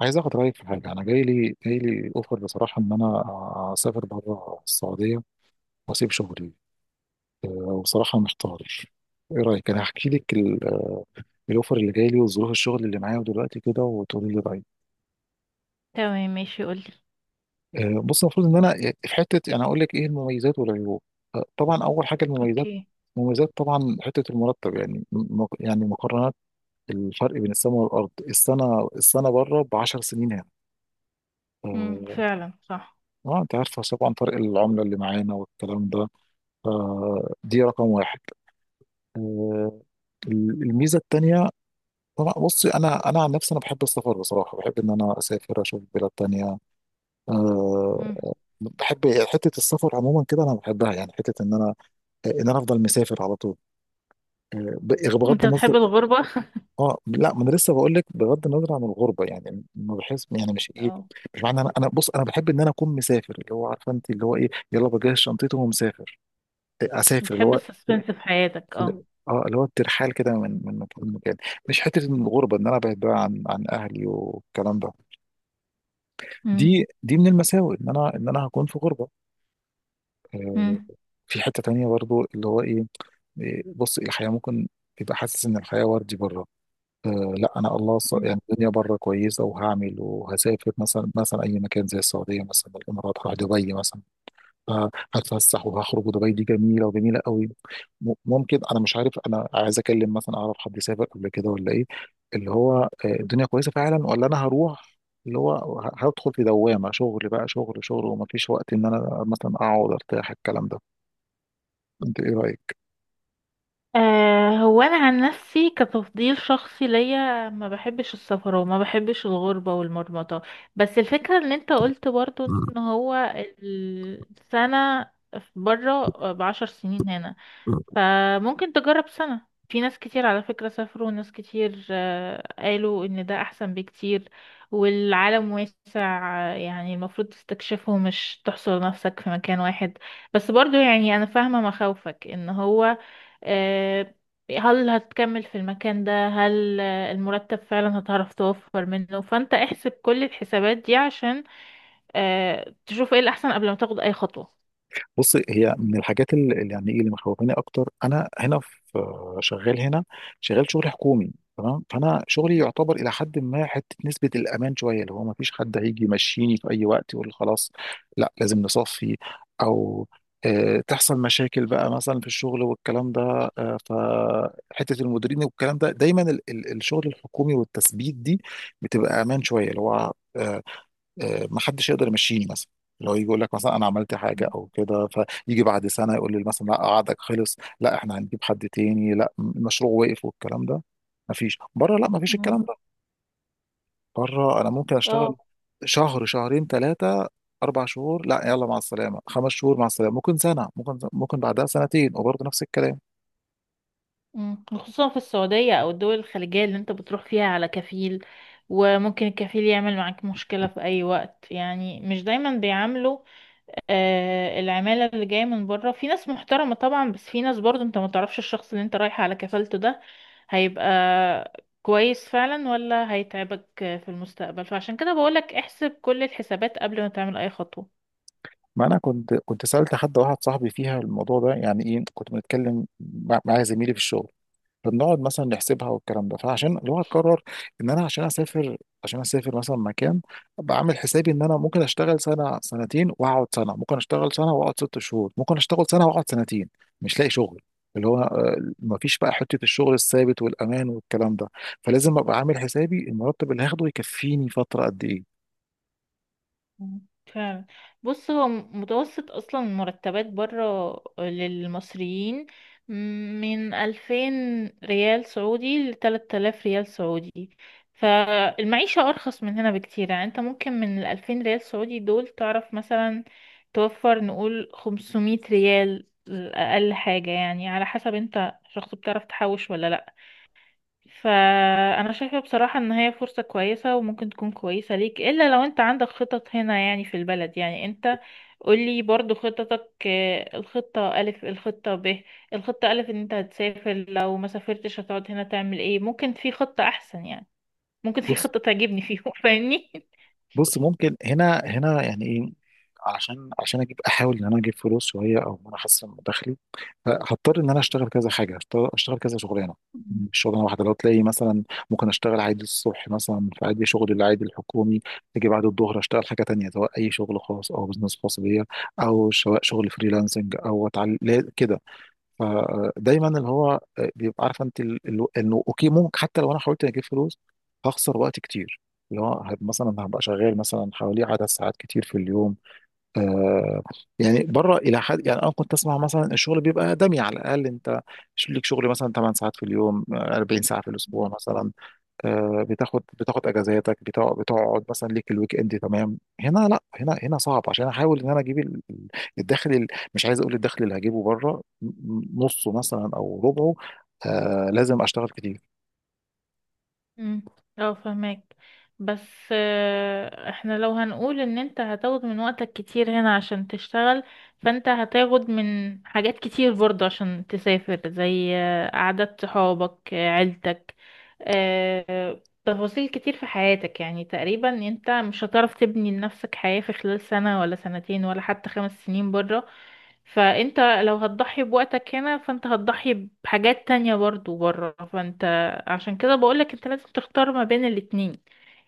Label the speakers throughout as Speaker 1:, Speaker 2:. Speaker 1: عايز اخد رايك في حاجه. انا جاي لي اوفر، بصراحه، ان انا اسافر بره السعوديه واسيب شغلي. وبصراحه محتار. ايه رايك؟ انا هحكي لك الاوفر اللي جاي لي وظروف الشغل اللي معايا دلوقتي كده وتقولي لي رايك.
Speaker 2: تمام، ماشي قولي.
Speaker 1: بص، المفروض ان انا يعني في حته يعني اقول لك ايه المميزات والعيوب. طبعا، اول حاجه المميزات.
Speaker 2: اوكي.
Speaker 1: المميزات طبعا حته المرتب، يعني يعني مقارنات، الفرق بين السماء والارض. السنه بره ب 10 سنين هنا. أه،
Speaker 2: فعلا صح.
Speaker 1: اه انت عارفه طبعا فرق العمله اللي معانا والكلام ده. فدي رقم واحد. آه، الميزه التانيه، طبعا. بصي، انا عن نفسي انا بحب السفر، بصراحه بحب ان انا اسافر اشوف بلاد تانية. أه
Speaker 2: امم
Speaker 1: بحب حته السفر عموما كده، انا بحبها. يعني حته ان انا افضل مسافر على طول. بغض
Speaker 2: انت
Speaker 1: النظر.
Speaker 2: بتحب الغربة؟
Speaker 1: اه، لا، ما انا لسه بقول لك بغض النظر عن الغربه. يعني ما بحس، يعني مش ايه،
Speaker 2: اه،
Speaker 1: مش معنى، انا بص، انا بحب ان انا اكون مسافر، اللي هو عارفه انت، اللي هو ايه، يلا بجهز شنطتي ومسافر. اسافر، اللي
Speaker 2: بتحب
Speaker 1: هو
Speaker 2: السسبنس في حياتك؟ اه.
Speaker 1: اللي هو الترحال كده من مكان لمكان. مش حته إن الغربه ان انا ابعد بقى عن اهلي والكلام ده.
Speaker 2: امم
Speaker 1: دي من المساوئ ان انا هكون في غربه. آه،
Speaker 2: امم
Speaker 1: في حته تانية برضو، اللي هو ايه؟ بص، الحياه ممكن تبقى حاسس ان الحياه وردي بره. لا، انا، الله،
Speaker 2: مم.
Speaker 1: يعني الدنيا بره كويسه وهعمل وهسافر. مثلا اي مكان زي السعوديه، مثلا الامارات، هروح دبي مثلا، هتفسح وهخرج، ودبي دي جميله وجميله قوي. ممكن انا مش عارف، انا عايز اكلم مثلا، اعرف حد سافر قبل كده ولا ايه، اللي هو الدنيا كويسه فعلا ولا انا هروح، اللي هو هدخل في دوامه شغل بقى، شغل ومفيش وقت ان انا مثلا اقعد ارتاح، الكلام ده. انت ايه رايك؟
Speaker 2: آه، هو انا عن نفسي كتفضيل شخصي ليا ما بحبش السفر وما بحبش الغربة والمرمطة، بس الفكرة ان انت قلت برضو ان هو السنة بره ب10 سنين هنا، فممكن تجرب سنة. في ناس كتير على فكرة سافروا، وناس كتير قالوا ان ده احسن بكتير، والعالم واسع. يعني المفروض تستكشفه مش تحصر نفسك في مكان واحد. بس برضو يعني انا فاهمة مخاوفك، ان هو آه، هل هتكمل في المكان ده؟ هل المرتب فعلا هتعرف توفر منه؟ فانت احسب كل الحسابات دي عشان تشوف ايه الاحسن قبل ما تاخد اي خطوة.
Speaker 1: بص، هي من الحاجات اللي يعني ايه، اللي مخوفاني اكتر، انا هنا في شغال هنا، شغال شغل حكومي، تمام. فانا شغلي
Speaker 2: مم.
Speaker 1: يعتبر الى حد ما حته نسبه الامان شويه، اللي هو ما فيش حد هيجي يمشيني في اي وقت يقول خلاص لا لازم نصفي، او تحصل مشاكل بقى مثلا في الشغل والكلام ده. فحته المديرين والكلام ده، دايما الشغل الحكومي والتثبيت دي بتبقى امان شويه، اللي هو ما حدش يقدر يمشيني مثلا، اللي هو يجي يقول لك مثلا انا عملت حاجه او كده، فيجي بعد سنه يقول لي مثلا لا عقدك خلص، لا احنا هنجيب حد تاني، لا المشروع وقف، والكلام ده. ما فيش بره لا، ما فيش
Speaker 2: مم.
Speaker 1: الكلام ده. بره انا ممكن اشتغل
Speaker 2: اه.
Speaker 1: شهر، شهرين، 3، 4 شهور، لا يلا مع السلامه، 5 شهور مع السلامه، ممكن سنه، ممكن بعدها سنتين، وبرضه نفس الكلام.
Speaker 2: مم. خصوصا في السعودية أو الدول الخليجية اللي أنت بتروح فيها على كفيل، وممكن الكفيل يعمل معاك مشكلة في أي وقت، يعني مش دايما بيعاملوا. آه، العمالة اللي جاية من بره في ناس محترمة طبعا، بس في ناس برضو أنت ما تعرفش الشخص اللي أنت رايح على كفالته ده هيبقى كويس فعلا ولا هيتعبك في المستقبل، فعشان كده بقولك احسب كل الحسابات قبل ما تعمل أي خطوة.
Speaker 1: ما انا كنت سالت حد، واحد صاحبي فيها الموضوع ده، يعني ايه، كنت بنتكلم مع زميلي في الشغل، فبنقعد مثلا نحسبها والكلام ده، فعشان اللي هو هتقرر ان انا عشان اسافر مثلا مكان، بعمل حسابي ان انا ممكن اشتغل سنه، سنتين واقعد سنه، ممكن اشتغل سنه واقعد 6 شهور، ممكن اشتغل سنه واقعد سنتين مش لاقي شغل، اللي هو ما فيش بقى حته الشغل الثابت والامان والكلام ده. فلازم ابقى عامل حسابي المرتب اللي هاخده يكفيني فتره قد ايه.
Speaker 2: فعلا. بص، هو متوسط اصلا المرتبات بره للمصريين من 2000 ريال سعودي لتلات آلاف ريال سعودي، فالمعيشة أرخص من هنا بكتير. يعني انت ممكن من الـ2000 ريال سعودي دول تعرف مثلا توفر نقول 500 ريال أقل حاجة، يعني على حسب انت شخص بتعرف تحوش ولا لأ. فانا شايفة بصراحة ان هي فرصة كويسة، وممكن تكون كويسة ليك، الا لو انت عندك خطط هنا يعني في البلد، يعني انت قولي برضو خططك. الخطة ألف، الخطة ب. الخطة ألف ان انت هتسافر، لو ما سافرتش هتقعد هنا تعمل ايه؟ ممكن في خطة احسن يعني، ممكن في
Speaker 1: بص
Speaker 2: خطة تعجبني فيهم فاهمني؟
Speaker 1: بص ممكن هنا يعني ايه، عشان اجيب، احاول ان انا اجيب فلوس شويه او ان انا احسن من دخلي، هضطر ان انا اشتغل كذا حاجه، أشتغل كذا شغلانه مش شغلانه واحده. لو تلاقي مثلا ممكن اشتغل عادي الصبح، مثلا في عادي شغل العادي الحكومي، تيجي بعد الظهر اشتغل حاجه تانية، سواء اي شغل خاص او بزنس خاص بيا، او سواء شغل فريلانسنج او اتعلم كده. فدايما اللي هو بيبقى عارف انت انه اوكي، ممكن حتى لو انا حاولت اجيب فلوس هخسر وقت كتير، اللي هو مثلا هبقى شغال مثلا حوالي عدد ساعات كتير في اليوم. آه يعني بره الى حد، يعني انا كنت اسمع، مثلا الشغل بيبقى دمي على الاقل انت ليك شغل مثلا 8 ساعات في اليوم، 40 ساعه في الاسبوع مثلا. بتاخد اجازاتك، بتقعد مثلا ليك الويك اند، تمام. هنا لا، هنا صعب عشان احاول ان انا اجيب الدخل، مش عايز اقول الدخل اللي هجيبه بره نصه مثلا او ربعه، لازم اشتغل كتير.
Speaker 2: امم. اه، فهمك. بس احنا لو هنقول ان انت هتاخد من وقتك كتير هنا عشان تشتغل، فانت هتاخد من حاجات كتير برضه عشان تسافر، زي قعدات صحابك، عيلتك، تفاصيل كتير في حياتك. يعني تقريبا انت مش هتعرف تبني لنفسك حياة في خلال سنة ولا سنتين ولا حتى 5 سنين بره. فانت لو هتضحي بوقتك هنا، فانت هتضحي بحاجات تانية برضو بره. فانت عشان كده بقولك انت لازم تختار ما بين الاتنين،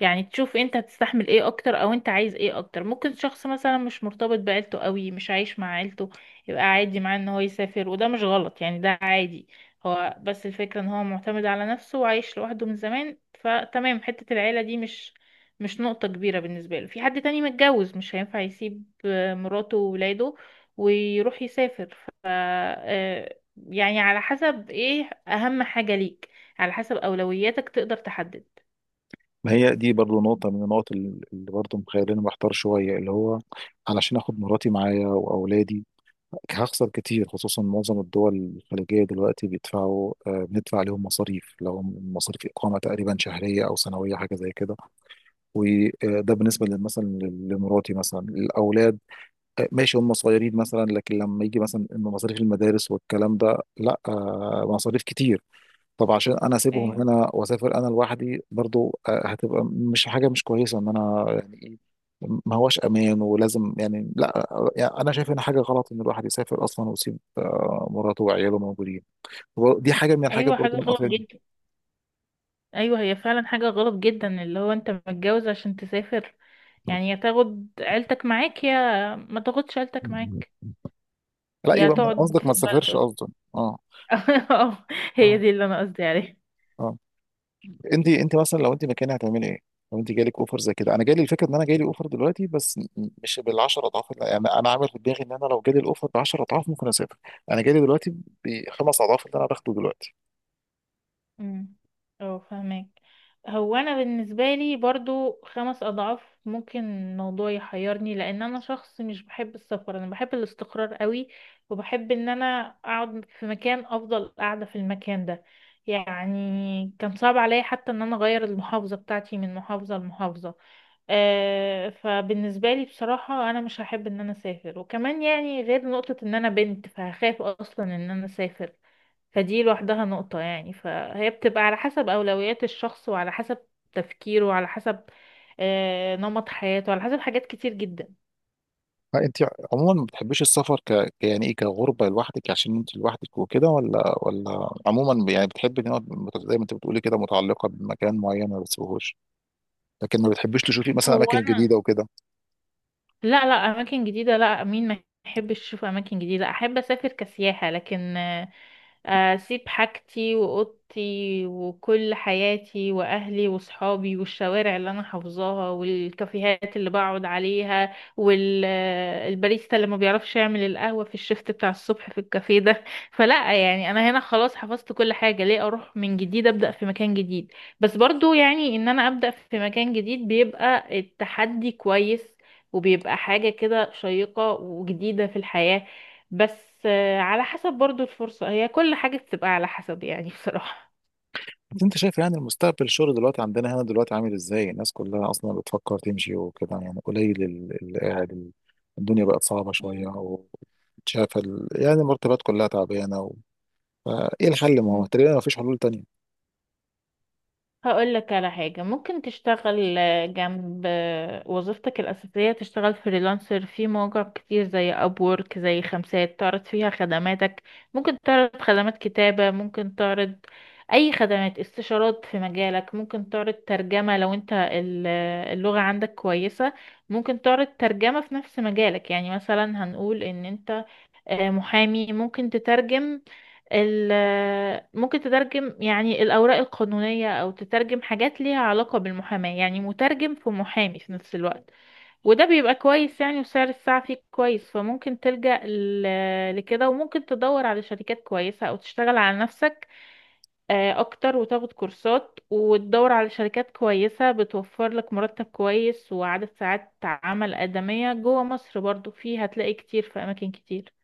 Speaker 2: يعني تشوف انت هتستحمل ايه اكتر، او انت عايز ايه اكتر. ممكن شخص مثلا مش مرتبط بعيلته قوي، مش عايش مع عيلته، يبقى عادي معاه ان هو يسافر، وده مش غلط يعني، ده عادي. هو بس الفكرة ان هو معتمد على نفسه وعايش لوحده من زمان، فتمام حتة العيلة دي مش نقطة كبيرة بالنسبة له. في حد تاني متجوز مش هينفع يسيب مراته وولاده ويروح يسافر، ف آه، يعني على حسب ايه اهم حاجة ليك، على حسب اولوياتك تقدر تحدد.
Speaker 1: ما هي دي برضو نقطة من النقط، اللي برضو مخليني محتار شوية، اللي هو علشان اخد مراتي معايا واولادي هخسر كتير، خصوصا معظم الدول الخليجية دلوقتي بيدفعوا آه بندفع عليهم مصاريف. لو مصاريف اقامة تقريبا، شهرية او سنوية حاجة زي كده، وده بالنسبه مثلا لمراتي مثلا، الاولاد ماشي هم صغيرين مثلا، لكن لما يجي مثلا إن مصاريف المدارس والكلام ده لا، مصاريف كتير. طب عشان انا اسيبهم
Speaker 2: ايوه.
Speaker 1: هنا واسافر انا لوحدي برضو، هتبقى مش حاجه، مش كويسه ان انا يعني ايه، ما هوش امان، ولازم يعني لا. يعني انا شايف ان حاجه غلط ان الواحد يسافر اصلا ويسيب مراته وعياله موجودين. دي حاجه من الحاجات
Speaker 2: ايوه،
Speaker 1: برضو
Speaker 2: حاجة
Speaker 1: اللي
Speaker 2: غلط
Speaker 1: مقاطعني.
Speaker 2: جدا. ايوه، هي فعلا حاجة غلط جدا، اللي هو انت متجوز عشان تسافر، يعني يا تاخد عيلتك معاك يا ما تاخدش عيلتك معاك،
Speaker 1: لا
Speaker 2: يا
Speaker 1: يبقى
Speaker 2: تقعد
Speaker 1: قصدك ما
Speaker 2: في البلد
Speaker 1: تسافرش
Speaker 2: قصدي.
Speaker 1: قصدك. اه،
Speaker 2: اه. هي
Speaker 1: اه،
Speaker 2: دي اللي انا قصدي عليها.
Speaker 1: اه. انت مثلا لو انت مكاني هتعملي ايه؟ لو انت جالك اوفر زي كده، انا جالي الفكره ان انا جالي اوفر دلوقتي بس، مش بال 10 اضعاف، يعني انا عامل في دماغي ان انا لو جالي الاوفر ب 10 اضعاف ممكن اسافر. انا جالي دلوقتي ب5 اضعاف اللي انا باخده دلوقتي.
Speaker 2: امم. اه، فهمك. هو انا بالنسبه لي برضو 5 اضعاف ممكن الموضوع يحيرني، لان انا شخص مش بحب السفر، انا بحب الاستقرار قوي، وبحب ان انا اقعد في مكان. افضل قاعده في المكان ده، يعني كان صعب عليا حتى ان انا اغير المحافظه بتاعتي من محافظه لمحافظه. آه، فبالنسبه لي بصراحه انا مش هحب ان انا اسافر، وكمان يعني غير نقطه ان انا بنت فهخاف اصلا ان انا اسافر. فدي لوحدها نقطة يعني، فهي بتبقى على حسب أولويات الشخص وعلى حسب تفكيره وعلى حسب نمط حياته، على حسب حاجات كتير جدا.
Speaker 1: انت عموما ما بتحبيش السفر، يعني ايه، كغربه لوحدك عشان انت لوحدك وكده، ولا عموما يعني بتحبي ان هو زي ما انت بتقولي كده، متعلقه بمكان معين ما بتسيبهوش، لكن ما بتحبيش تشوفي مثلا
Speaker 2: هو
Speaker 1: اماكن
Speaker 2: أنا
Speaker 1: جديده وكده؟
Speaker 2: لا لا اماكن جديده، لا، مين ما يحبش يشوف اماكن جديده؟ احب اسافر كسياحه، لكن اسيب حاجتي واوضتي وكل حياتي واهلي وصحابي والشوارع اللي انا حافظاها والكافيهات اللي بقعد عليها والباريستا اللي ما بيعرفش يعمل القهوه في الشفت بتاع الصبح في الكافيه ده؟ فلا يعني انا هنا خلاص حفظت كل حاجه، ليه اروح من جديد ابدا في مكان جديد؟ بس برضو يعني ان انا ابدا في مكان جديد بيبقى التحدي كويس، وبيبقى حاجة كده شيقة وجديدة في الحياة. بس على حسب برضو الفرصة، هي كل حاجة بتبقى على حسب يعني بصراحة.
Speaker 1: انت شايف يعني المستقبل، الشغل دلوقتي عندنا هنا دلوقتي عامل ازاي؟ الناس كلها اصلا بتفكر تمشي وكده، يعني قليل اللي قاعد، الدنيا بقت صعبة شوية،
Speaker 2: مم.
Speaker 1: وشايف يعني المرتبات كلها تعبانة فايه الحل؟ ما هو
Speaker 2: مم.
Speaker 1: تقريبا ما فيش حلول تانية.
Speaker 2: هقول لك على حاجة. ممكن تشتغل جنب وظيفتك الأساسية، تشتغل فريلانسر في مواقع كتير زي أبورك، زي خمسات، تعرض فيها خدماتك. ممكن تعرض خدمات كتابة، ممكن تعرض أي خدمات استشارات في مجالك، ممكن تعرض ترجمة لو أنت اللغة عندك كويسة. ممكن تعرض ترجمة في نفس مجالك، يعني مثلا هنقول إن أنت محامي ممكن تترجم ال آه، ممكن تترجم يعني الأوراق القانونية، أو تترجم حاجات ليها علاقة بالمحاماة، يعني مترجم في محامي في نفس الوقت. وده بيبقى كويس يعني، وسعر الساعة فيه كويس، فممكن تلجأ لكده، وممكن تدور على شركات كويسة أو تشتغل على نفسك أكتر، وتاخد كورسات وتدور على شركات كويسة بتوفر لك مرتب كويس وعدد ساعات عمل آدمية جوه مصر برضو، فيه هتلاقي كتير في أماكن كتير.